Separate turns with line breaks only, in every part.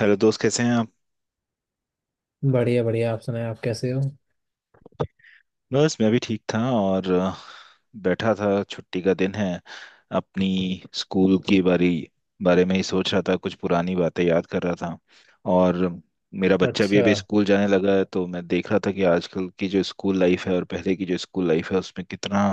Hello दोस्त, कैसे हैं आप?
बढ़िया बढ़िया। आप सुनाए, आप कैसे हो?
बस मैं भी ठीक था, और बैठा था। छुट्टी का दिन है। अपनी स्कूल की बारी बारे में ही सोच रहा था, कुछ पुरानी बातें याद कर रहा था। और मेरा बच्चा भी
अच्छा।
अभी स्कूल जाने लगा है, तो मैं देख रहा था कि आजकल की जो स्कूल लाइफ है और पहले की जो स्कूल लाइफ है उसमें कितना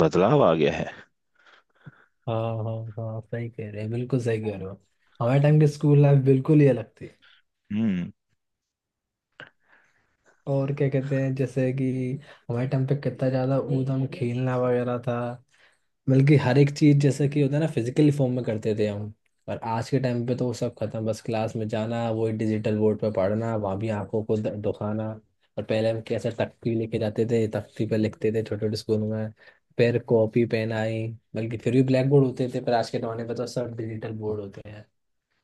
बदलाव आ गया है।
हाँ हाँ, हाँ आप सही कह रहे हैं, बिल्कुल सही कह रहे हो। हमारे टाइम की स्कूल लाइफ बिल्कुल ही अलग थी।
हम्म।
और क्या कहते हैं जैसे कि हमारे टाइम पे कितना ज्यादा ऊधम खेलना वगैरह था। बल्कि हर एक चीज जैसे कि होता है ना फिजिकली फॉर्म में करते थे हम। और आज के टाइम पे तो वो सब खत्म, बस क्लास में जाना, वही डिजिटल बोर्ड पे पढ़ना, वहां भी आंखों को दुखाना। और पहले हम कैसे तख्ती लेके जाते थे, तख्ती पे लिखते थे छोटे छोटे स्कूल में। फिर कॉपी पेन आई। बल्कि फिर भी ब्लैक बोर्ड होते थे, पर आज के जमाने पे तो सब डिजिटल बोर्ड होते हैं।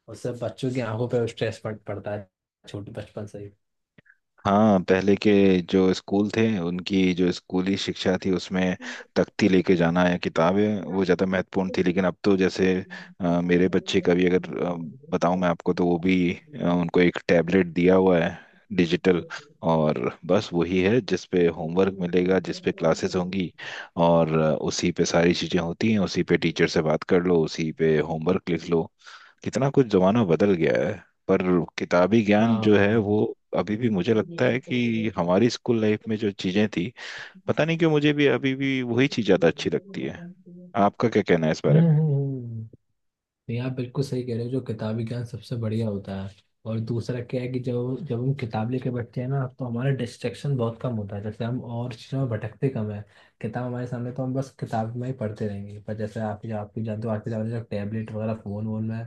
उससे बच्चों की आंखों पर स्ट्रेस पड़ता है छोटे बचपन से
हाँ, पहले के जो स्कूल थे उनकी जो स्कूली शिक्षा थी उसमें तख्ती लेके जाना या किताबें वो ज़्यादा महत्वपूर्ण
ही।
थी, लेकिन अब तो जैसे
हाँ।
मेरे बच्चे का भी अगर
हम्म।
बताऊं मैं आपको, तो वो भी उनको एक टैबलेट दिया हुआ है डिजिटल। और बस वही है जिस पे होमवर्क मिलेगा, जिस पे क्लासेस होंगी। और उसी पे सारी चीज़ें होती हैं, उसी पे टीचर से बात कर लो, उसी पे होमवर्क लिख लो। कितना कुछ ज़माना बदल गया है। पर किताबी ज्ञान जो है वो अभी भी मुझे लगता है कि हमारी स्कूल लाइफ में जो चीजें थी, पता नहीं क्यों मुझे भी अभी भी वही चीज ज्यादा अच्छी लगती है। आपका क्या कहना है इस बारे में?
हम्म हम्म। नहीं, आप बिल्कुल सही कह रहे हो, जो किताबी ज्ञान सबसे बढ़िया होता है। और दूसरा क्या है कि जब जब हम किताब लेके बैठते हैं ना तो हमारा डिस्ट्रैक्शन बहुत कम होता है, जैसे हम और चीज़ों में भटकते कम है। किताब हमारे सामने तो हम बस किताब में ही पढ़ते रहेंगे, पर जैसे आप भी जानते हो आज के ज़माने में टैबलेट वगैरह फ़ोन वोन में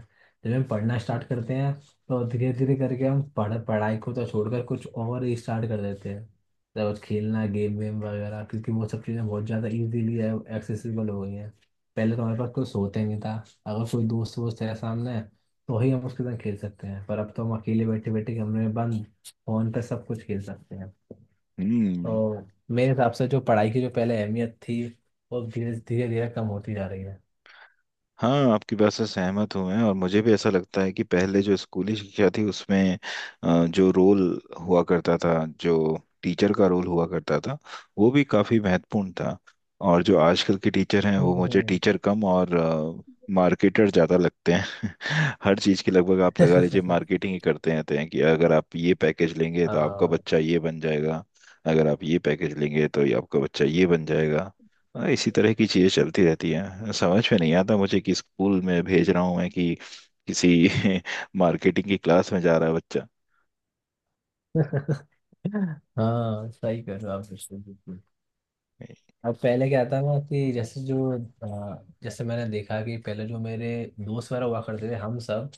जब हम पढ़ना स्टार्ट करते हैं, तो धीरे धीरे करके हम पढ़ाई को तो छोड़कर कुछ और ही स्टार्ट कर देते हैं। जब खेलना गेम वेम वगैरह, क्योंकि वो सब चीज़ें बहुत ज़्यादा इजीली एक्सेसिबल हो गई हैं। पहले तो हमारे पास कुछ होता ही नहीं था। अगर कोई दोस्त वोस्त है सामने तो ही हम उसके साथ खेल सकते हैं, पर अब तो हम अकेले बैठे बैठे कमरे में बंद फोन पे सब कुछ खेल सकते हैं।
हम्म।
तो मेरे हिसाब से जो पढ़ाई की जो पहले अहमियत थी, वो धीरे धीरे धीरे कम होती जा रही है।
हाँ, आपकी बात से सहमत हूँ मैं, और मुझे भी ऐसा लगता है कि पहले जो स्कूली शिक्षा थी उसमें जो रोल हुआ करता था, जो टीचर का रोल हुआ करता था, वो भी काफ़ी महत्वपूर्ण था। और जो आजकल के टीचर हैं वो मुझे
हम्म,
टीचर कम और मार्केटर ज़्यादा लगते हैं। हर चीज़ के लगभग आप लगा लीजिए
हम्म।
मार्केटिंग ही करते रहते हैं कि अगर आप ये पैकेज लेंगे तो आपका
हाँ।
बच्चा ये बन जाएगा, अगर आप ये पैकेज लेंगे तो ये आपका बच्चा ये बन जाएगा। हाँ, इसी तरह की चीजें चलती रहती हैं। समझ में नहीं आता मुझे कि स्कूल में भेज रहा हूँ मैं कि किसी मार्केटिंग की क्लास में जा रहा है बच्चा।
हाँ सही कह रहे हो आप, बिल्कुल बिल्कुल। अब पहले क्या था ना कि जैसे जो जैसे मैंने देखा कि पहले जो मेरे दोस्त वगैरह हुआ करते थे हम सब,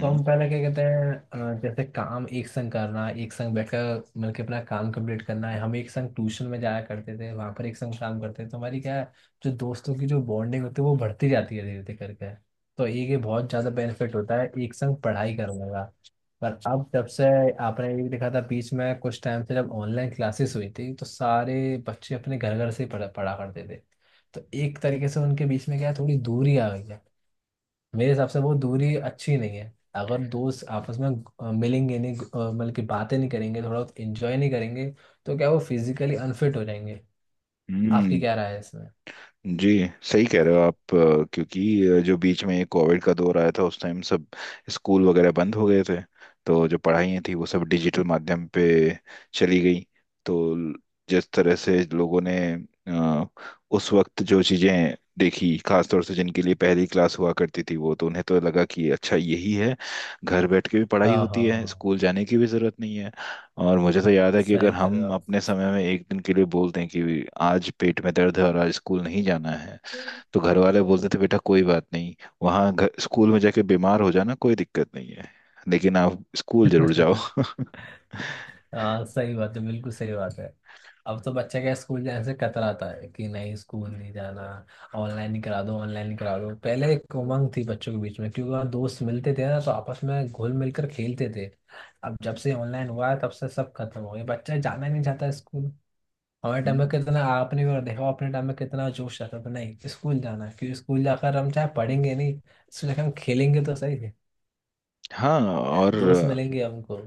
तो हम पहले क्या कहते हैं, जैसे काम एक संग करना, एक संग बैठकर मिलकर अपना काम कंप्लीट करना है, हम एक संग ट्यूशन में जाया करते थे, वहां पर एक संग काम करते थे, तो हमारी क्या है जो दोस्तों की जो बॉन्डिंग होती है वो बढ़ती जाती है धीरे धीरे करके। तो एक ये बहुत ज्यादा बेनिफिट होता है एक संग पढ़ाई करने का। पर अब जब से आपने ये भी देखा था बीच में, कुछ टाइम से जब ऑनलाइन क्लासेस हुई थी तो सारे बच्चे अपने घर घर से पढ़ा पढ़ा करते थे। तो एक तरीके से उनके बीच में क्या है, थोड़ी दूरी आ गई है। मेरे हिसाब से वो दूरी अच्छी नहीं है। अगर दोस्त आपस में मिलेंगे नहीं, मतलब कि बातें नहीं करेंगे, थोड़ा एंजॉय नहीं करेंगे, तो क्या वो फिजिकली अनफिट हो जाएंगे?
हम्म।
आपकी क्या राय है इसमें?
जी, सही कह रहे हो आप। क्योंकि जो बीच में कोविड का दौर आया था उस टाइम सब स्कूल वगैरह बंद हो गए थे, तो जो पढ़ाइयाँ थी वो सब डिजिटल माध्यम पे चली गई। तो जिस तरह से लोगों ने अ, उस वक्त जो चीज़ें देखी, खासतौर से जिनके लिए पहली क्लास हुआ करती थी वो, तो उन्हें तो लगा कि अच्छा यही है। घर बैठ के भी पढ़ाई
हाँ
होती है,
हाँ,
स्कूल जाने की भी जरूरत नहीं है। और मुझे तो याद है कि अगर
सही कर रहे
हम
हो
अपने समय में एक दिन के लिए बोलते हैं कि आज पेट में दर्द है और आज स्कूल नहीं जाना है, तो घर वाले बोलते थे बेटा कोई बात नहीं, वहाँ घर स्कूल में जाके बीमार हो जाना कोई दिक्कत नहीं है, लेकिन आप स्कूल जरूर जाओ।
आप। हाँ सही बात है, बिल्कुल सही बात है। अब तो बच्चा क्या स्कूल जाने से कतराता है कि नहीं स्कूल नहीं जाना, ऑनलाइन ही करा दो ऑनलाइन ही करा दो। पहले एक उमंग थी बच्चों के बीच में, क्योंकि वहाँ दोस्त मिलते थे ना, तो आपस में घुल मिलकर खेलते थे। अब जब से ऑनलाइन हुआ है तब से सब खत्म हो गया, बच्चा जाना ही नहीं चाहता स्कूल। हमारे टाइम में
हम्म।
कितना आपने भी देखा हो, अपने टाइम में कितना जोश रहता था नहीं स्कूल जाना है, क्योंकि स्कूल जाकर हम चाहे पढ़ेंगे नहीं, स्कूल जाकर हम खेलेंगे तो सही है,
हाँ, और
दोस्त मिलेंगे हमको।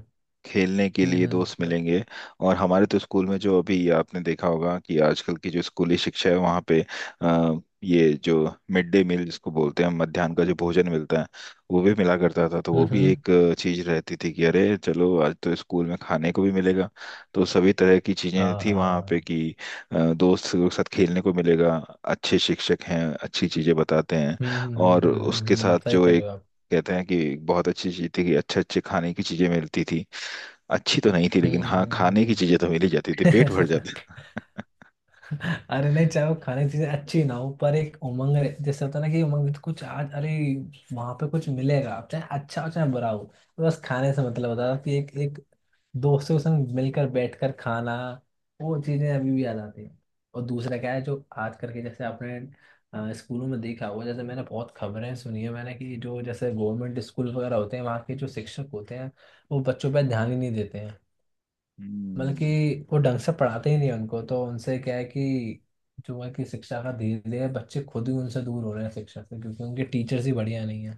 खेलने के
हम्म
लिए दोस्त
हम्म
मिलेंगे। और हमारे तो स्कूल में जो अभी आपने देखा होगा कि आजकल की जो स्कूली शिक्षा है वहाँ पे, ये जो मिड डे मील जिसको बोलते हैं, मध्याह्न का जो भोजन मिलता है, वो भी मिला करता था। तो वो भी
हम्म।
एक चीज़ रहती थी कि अरे चलो आज तो स्कूल में खाने को भी मिलेगा। तो सभी तरह की चीज़ें
हाँ
थी वहाँ पे
हाँ।
कि दोस्त के साथ खेलने को मिलेगा, अच्छे शिक्षक हैं अच्छी चीज़ें बताते हैं। और उसके साथ
सही
जो
कह
एक
रहे हो आप।
कहते हैं कि बहुत अच्छी चीज़ थी कि अच्छे अच्छे खाने की चीज़ें मिलती थी। अच्छी तो नहीं थी लेकिन
हम्म
हाँ,
हम्म
खाने की चीजें तो मिल ही जाती थी, पेट भर
हम्म।
जाता था।
अरे नहीं, चाहे वो खाने की चीजें अच्छी ना हो, पर एक उमंग जैसे होता है ना कि उमंग में तो कुछ आज, अरे वहां पे कुछ मिलेगा चाहे अच्छा हो चाहे बुरा हो, बस खाने से मतलब होता है कि एक एक दोस्तों के संग मिलकर बैठकर खाना। वो चीजें अभी भी याद आती हैं। और दूसरा क्या है, जो आज करके जैसे आपने स्कूलों में देखा होगा, जैसे मैंने बहुत खबरें सुनी है मैंने कि जो जैसे गवर्नमेंट स्कूल वगैरह होते हैं वहाँ के जो शिक्षक होते हैं, वो बच्चों पर ध्यान ही नहीं देते हैं। मतलब
हम्म
कि वो ढंग से पढ़ाते ही नहीं हैं उनको, तो उनसे क्या है कि जो है कि शिक्षा का धीरे धीरे बच्चे खुद ही उनसे दूर हो रहे हैं शिक्षा से, क्योंकि उनके टीचर्स ही बढ़िया नहीं है।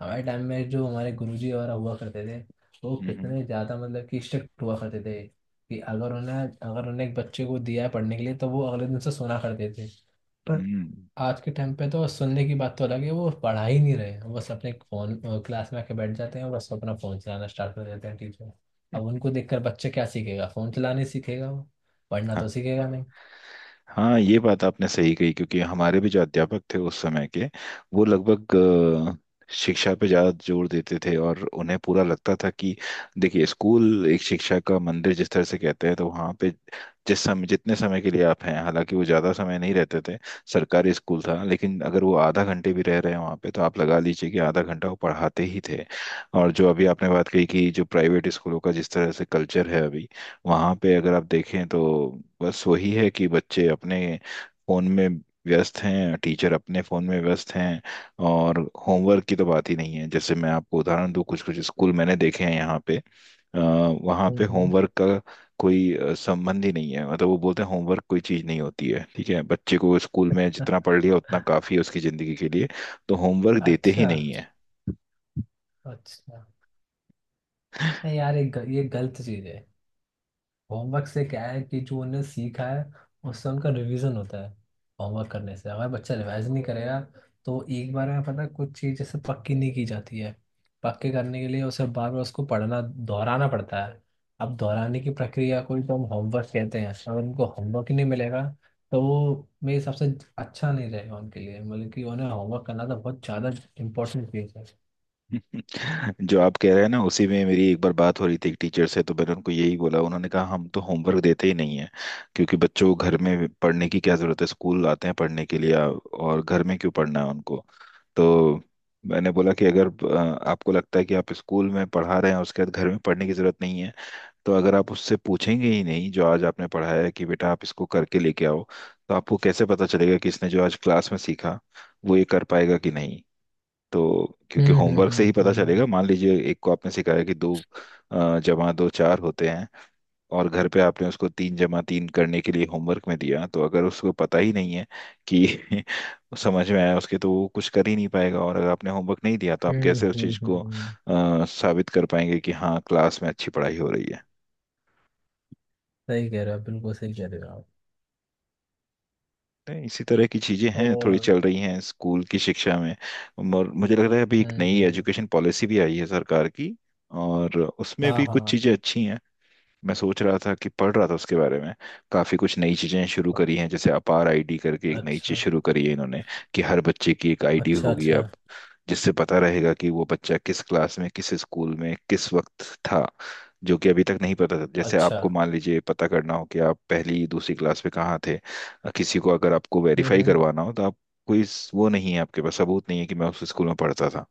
हमारे टाइम में जो हमारे गुरुजी वगैरह हुआ करते थे, वो
हम्म।
कितने ज़्यादा मतलब कि स्ट्रिक्ट हुआ करते थे कि अगर उन्हें एक बच्चे को दिया है पढ़ने के लिए तो वो अगले दिन से सुना करते थे। आज के टाइम पे तो सुनने की बात तो अलग है, वो पढ़ा ही नहीं रहे हैं, बस अपने फोन, क्लास में आके बैठ जाते हैं और बस अपना फोन चलाना स्टार्ट कर देते हैं टीचर। अब उनको देखकर बच्चे क्या सीखेगा, फोन चलाने सीखेगा वो, पढ़ना
हम्म।
तो सीखेगा नहीं।
हाँ, ये बात आपने सही कही। क्योंकि हमारे भी जो अध्यापक थे उस समय के, वो लगभग अ, शिक्षा पे ज़्यादा जोर देते थे, और उन्हें पूरा लगता था कि देखिए स्कूल एक शिक्षा का मंदिर जिस तरह से कहते हैं, तो वहाँ पे जिस समय जितने समय के लिए आप हैं, हालांकि वो ज़्यादा समय नहीं रहते थे, सरकारी स्कूल था, लेकिन अगर वो आधा घंटे भी रह रहे हैं वहाँ पे तो आप लगा लीजिए कि आधा घंटा वो पढ़ाते ही थे। और जो अभी आपने बात कही कि जो प्राइवेट स्कूलों का जिस तरह से कल्चर है अभी, वहाँ पे अगर आप देखें तो बस वही है कि बच्चे अपने फोन में व्यस्त हैं, टीचर अपने फोन में व्यस्त हैं। और होमवर्क की तो बात ही नहीं है। जैसे मैं आपको उदाहरण दूँ, कुछ कुछ स्कूल मैंने देखे हैं यहाँ पे, वहाँ पे
हम्म।
होमवर्क का कोई संबंध ही नहीं है। मतलब वो बोलते हैं होमवर्क कोई चीज़ नहीं होती है, ठीक है बच्चे को स्कूल में जितना पढ़ लिया उतना काफ़ी है उसकी ज़िंदगी के लिए, तो होमवर्क देते ही
अच्छा।
नहीं है।
अच्छा, नहीं यार, ये ये गलत चीज है। होमवर्क से क्या है कि जो उन्हें सीखा है, उससे उनका रिवीजन होता है। होमवर्क करने से, अगर बच्चा रिवाइज नहीं करेगा तो एक बार में पता है, कुछ चीज़ जैसे पक्की नहीं की जाती है, पक्के करने के लिए उसे बार बार उसको पढ़ना दोहराना पड़ता है। अब दोहराने की प्रक्रिया को ही तो हम होमवर्क कहते हैं, अगर उनको होमवर्क ही नहीं मिलेगा तो वो मेरे हिसाब से अच्छा नहीं रहेगा उनके लिए, मतलब कि उन्हें होमवर्क करना तो बहुत ज़्यादा इंपॉर्टेंट चीज़ है।
जो आप कह रहे हैं ना, उसी में मेरी एक बार बात हो रही थी एक टीचर से, तो मैंने उनको यही बोला। उन्होंने कहा हम तो होमवर्क देते ही नहीं है, क्योंकि बच्चों को घर में पढ़ने की क्या जरूरत है, स्कूल आते हैं पढ़ने के लिए, और घर में क्यों पढ़ना है उनको। तो मैंने बोला कि अगर आपको लगता है कि आप स्कूल में पढ़ा रहे हैं उसके बाद घर में पढ़ने की जरूरत नहीं है, तो अगर आप उससे पूछेंगे ही नहीं जो आज आपने पढ़ाया है कि बेटा आप इसको करके लेके आओ, तो आपको कैसे पता चलेगा कि इसने जो आज क्लास में सीखा वो ये कर पाएगा कि नहीं। तो क्योंकि
हम्म हम्म
होमवर्क से ही पता
हम्म
चलेगा। मान लीजिए एक को आपने सिखाया कि दो जमा दो चार होते हैं, और घर पे आपने उसको तीन जमा तीन करने के लिए होमवर्क में दिया, तो अगर उसको पता ही नहीं है कि समझ में आया उसके, तो वो कुछ कर ही नहीं पाएगा। और अगर आपने होमवर्क नहीं दिया तो आप
हम्म
कैसे उस
हम्म
चीज़
हम्म,
को
हम्म।
साबित कर पाएंगे कि हाँ क्लास में अच्छी पढ़ाई हो रही है।
सही कह रहे हो, बिल्कुल सही कह रहे हो आप।
तो इसी तरह की चीज़ें हैं, थोड़ी
और।
चल रही हैं स्कूल की शिक्षा में। और मुझे लग रहा है अभी एक नई
हम्म।
एजुकेशन पॉलिसी भी आई है सरकार की, और उसमें
हाँ
भी कुछ
हाँ।
चीज़ें अच्छी हैं। मैं सोच रहा था कि पढ़ रहा था उसके बारे में। काफी कुछ नई चीजें शुरू करी हैं, जैसे अपार आईडी करके एक नई चीज
अच्छा।
शुरू करी है इन्होंने, कि हर बच्चे की एक आईडी
अच्छा।
होगी
अच्छा।
अब, जिससे पता रहेगा कि वो बच्चा किस क्लास में किस स्कूल में किस वक्त था। जो कि अभी तक नहीं पता था। जैसे
अच्छा।
आपको मान लीजिए पता करना हो कि आप पहली दूसरी क्लास में कहाँ थे, किसी को अगर आपको वेरीफाई
हम्म।
करवाना हो तो आप, कोई वो नहीं है आपके पास, सबूत नहीं है कि मैं उस स्कूल में पढ़ता था।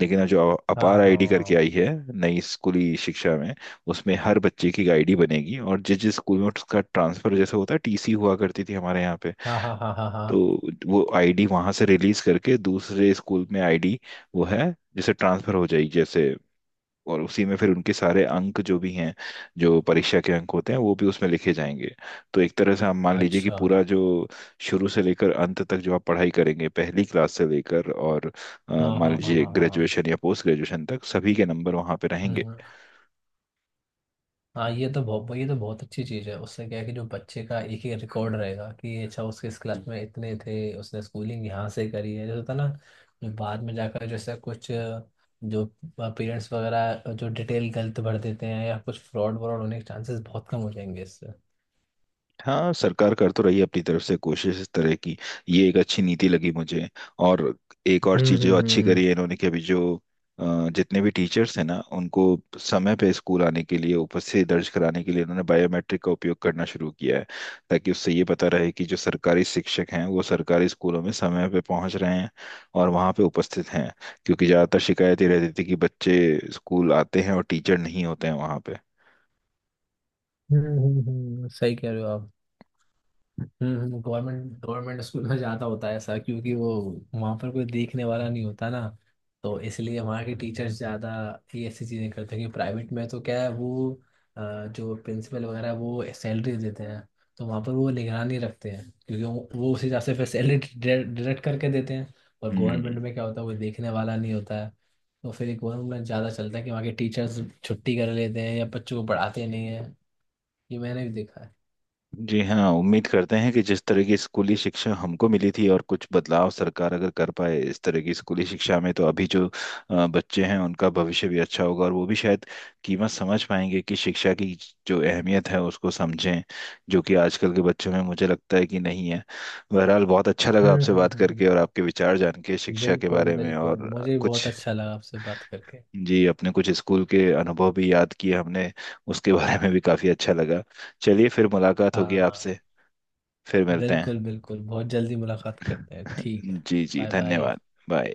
लेकिन अब जो अपार
हाँ
आईडी करके
हाँ
आई है नई स्कूली शिक्षा में, उसमें हर बच्चे की आईडी बनेगी, और जिस जिस स्कूल में उसका ट्रांसफर, जैसे होता है टीसी हुआ करती थी हमारे यहाँ पे,
हाँ हाँ हाँ। हाँ हाँ।
तो वो आईडी वहां से रिलीज करके दूसरे स्कूल में आईडी वो है जैसे ट्रांसफर हो जाएगी जैसे। और उसी में फिर उनके सारे अंक जो भी हैं, जो परीक्षा के अंक होते हैं, वो भी उसमें लिखे जाएंगे। तो एक तरह से आप मान लीजिए कि
अच्छा।
पूरा जो शुरू से लेकर अंत तक जो आप पढ़ाई करेंगे पहली क्लास से लेकर और
हाँ
मान
हाँ हाँ
लीजिए
हाँ हाँ हाँ,
ग्रेजुएशन या पोस्ट ग्रेजुएशन तक, सभी के नंबर वहां पे रहेंगे।
हम्म। हाँ ये तो बहुत, ये तो बहुत अच्छी चीज़ है। उससे क्या है कि जो बच्चे का एक ही रिकॉर्ड रहेगा कि अच्छा उसके इस क्लास में इतने थे, उसने स्कूलिंग यहाँ से करी है, जैसे होता ना, जो बाद में जाकर जैसे कुछ जो पेरेंट्स वगैरह जो डिटेल गलत भर देते हैं या कुछ फ्रॉड व्रॉड होने के चांसेस बहुत कम हो जाएंगे इससे।
हाँ, सरकार कर तो रही है अपनी तरफ से कोशिश इस तरह की। ये एक अच्छी नीति लगी मुझे। और एक और
हम्म
चीज जो
हम्म
अच्छी
हम्म
करी है इन्होंने कि अभी जो जितने भी टीचर्स हैं ना उनको समय पे स्कूल आने के लिए उपस्थिति दर्ज कराने के लिए इन्होंने बायोमेट्रिक का उपयोग करना शुरू किया है, ताकि उससे ये पता रहे कि जो सरकारी शिक्षक हैं वो सरकारी स्कूलों में समय पे पहुंच रहे हैं और वहाँ पे उपस्थित हैं। क्योंकि ज़्यादातर शिकायत ये रहती थी कि बच्चे स्कूल आते हैं और टीचर नहीं होते हैं वहाँ पे।
सही कह रहे हो आप। हम्म। गवर्नमेंट गवर्नमेंट स्कूल में ज़्यादा होता है ऐसा, क्योंकि वो वहाँ पर कोई देखने वाला नहीं होता ना, तो इसलिए वहाँ के टीचर्स ज़्यादा ये ऐसी चीज़ें करते हैं। कि प्राइवेट में तो क्या है वो अ, जो प्रिंसिपल वगैरह है, वो सैलरी देते हैं, तो वहाँ पर वो निगरानी रखते हैं, क्योंकि वो उस हिसाब से फिर सैलरी डिडक्ट करके देते हैं। और
हम्म।
गवर्नमेंट में क्या होता है, कोई देखने वाला नहीं होता है, तो फिर गवर्नमेंट में ज़्यादा चलता है कि वहाँ के टीचर्स छुट्टी कर लेते हैं या बच्चों को पढ़ाते नहीं हैं। ये मैंने भी देखा है।
जी हाँ, उम्मीद करते हैं कि जिस तरह की स्कूली शिक्षा हमको मिली थी, और कुछ बदलाव सरकार अगर कर पाए इस तरह की स्कूली शिक्षा में, तो अभी जो बच्चे हैं उनका भविष्य भी अच्छा होगा, और वो भी शायद कीमत समझ पाएंगे कि शिक्षा की जो अहमियत है उसको समझें, जो कि आजकल के बच्चों में मुझे लगता है कि नहीं है। बहरहाल बहुत अच्छा लगा
हम्म
आपसे
हम्म
बात
हम्म,
करके, और आपके विचार जान के शिक्षा के
बिल्कुल
बारे में
बिल्कुल,
और
मुझे भी बहुत
कुछ।
अच्छा लगा आपसे बात करके।
जी, अपने कुछ स्कूल के अनुभव भी याद किए हमने, उसके बारे में भी काफ़ी अच्छा लगा। चलिए फिर मुलाकात होगी
हाँ,
आपसे। फिर मिलते हैं।
बिल्कुल बिल्कुल, बहुत जल्दी मुलाकात करते हैं, ठीक है?
जी जी,
बाय बाय।
धन्यवाद। बाय।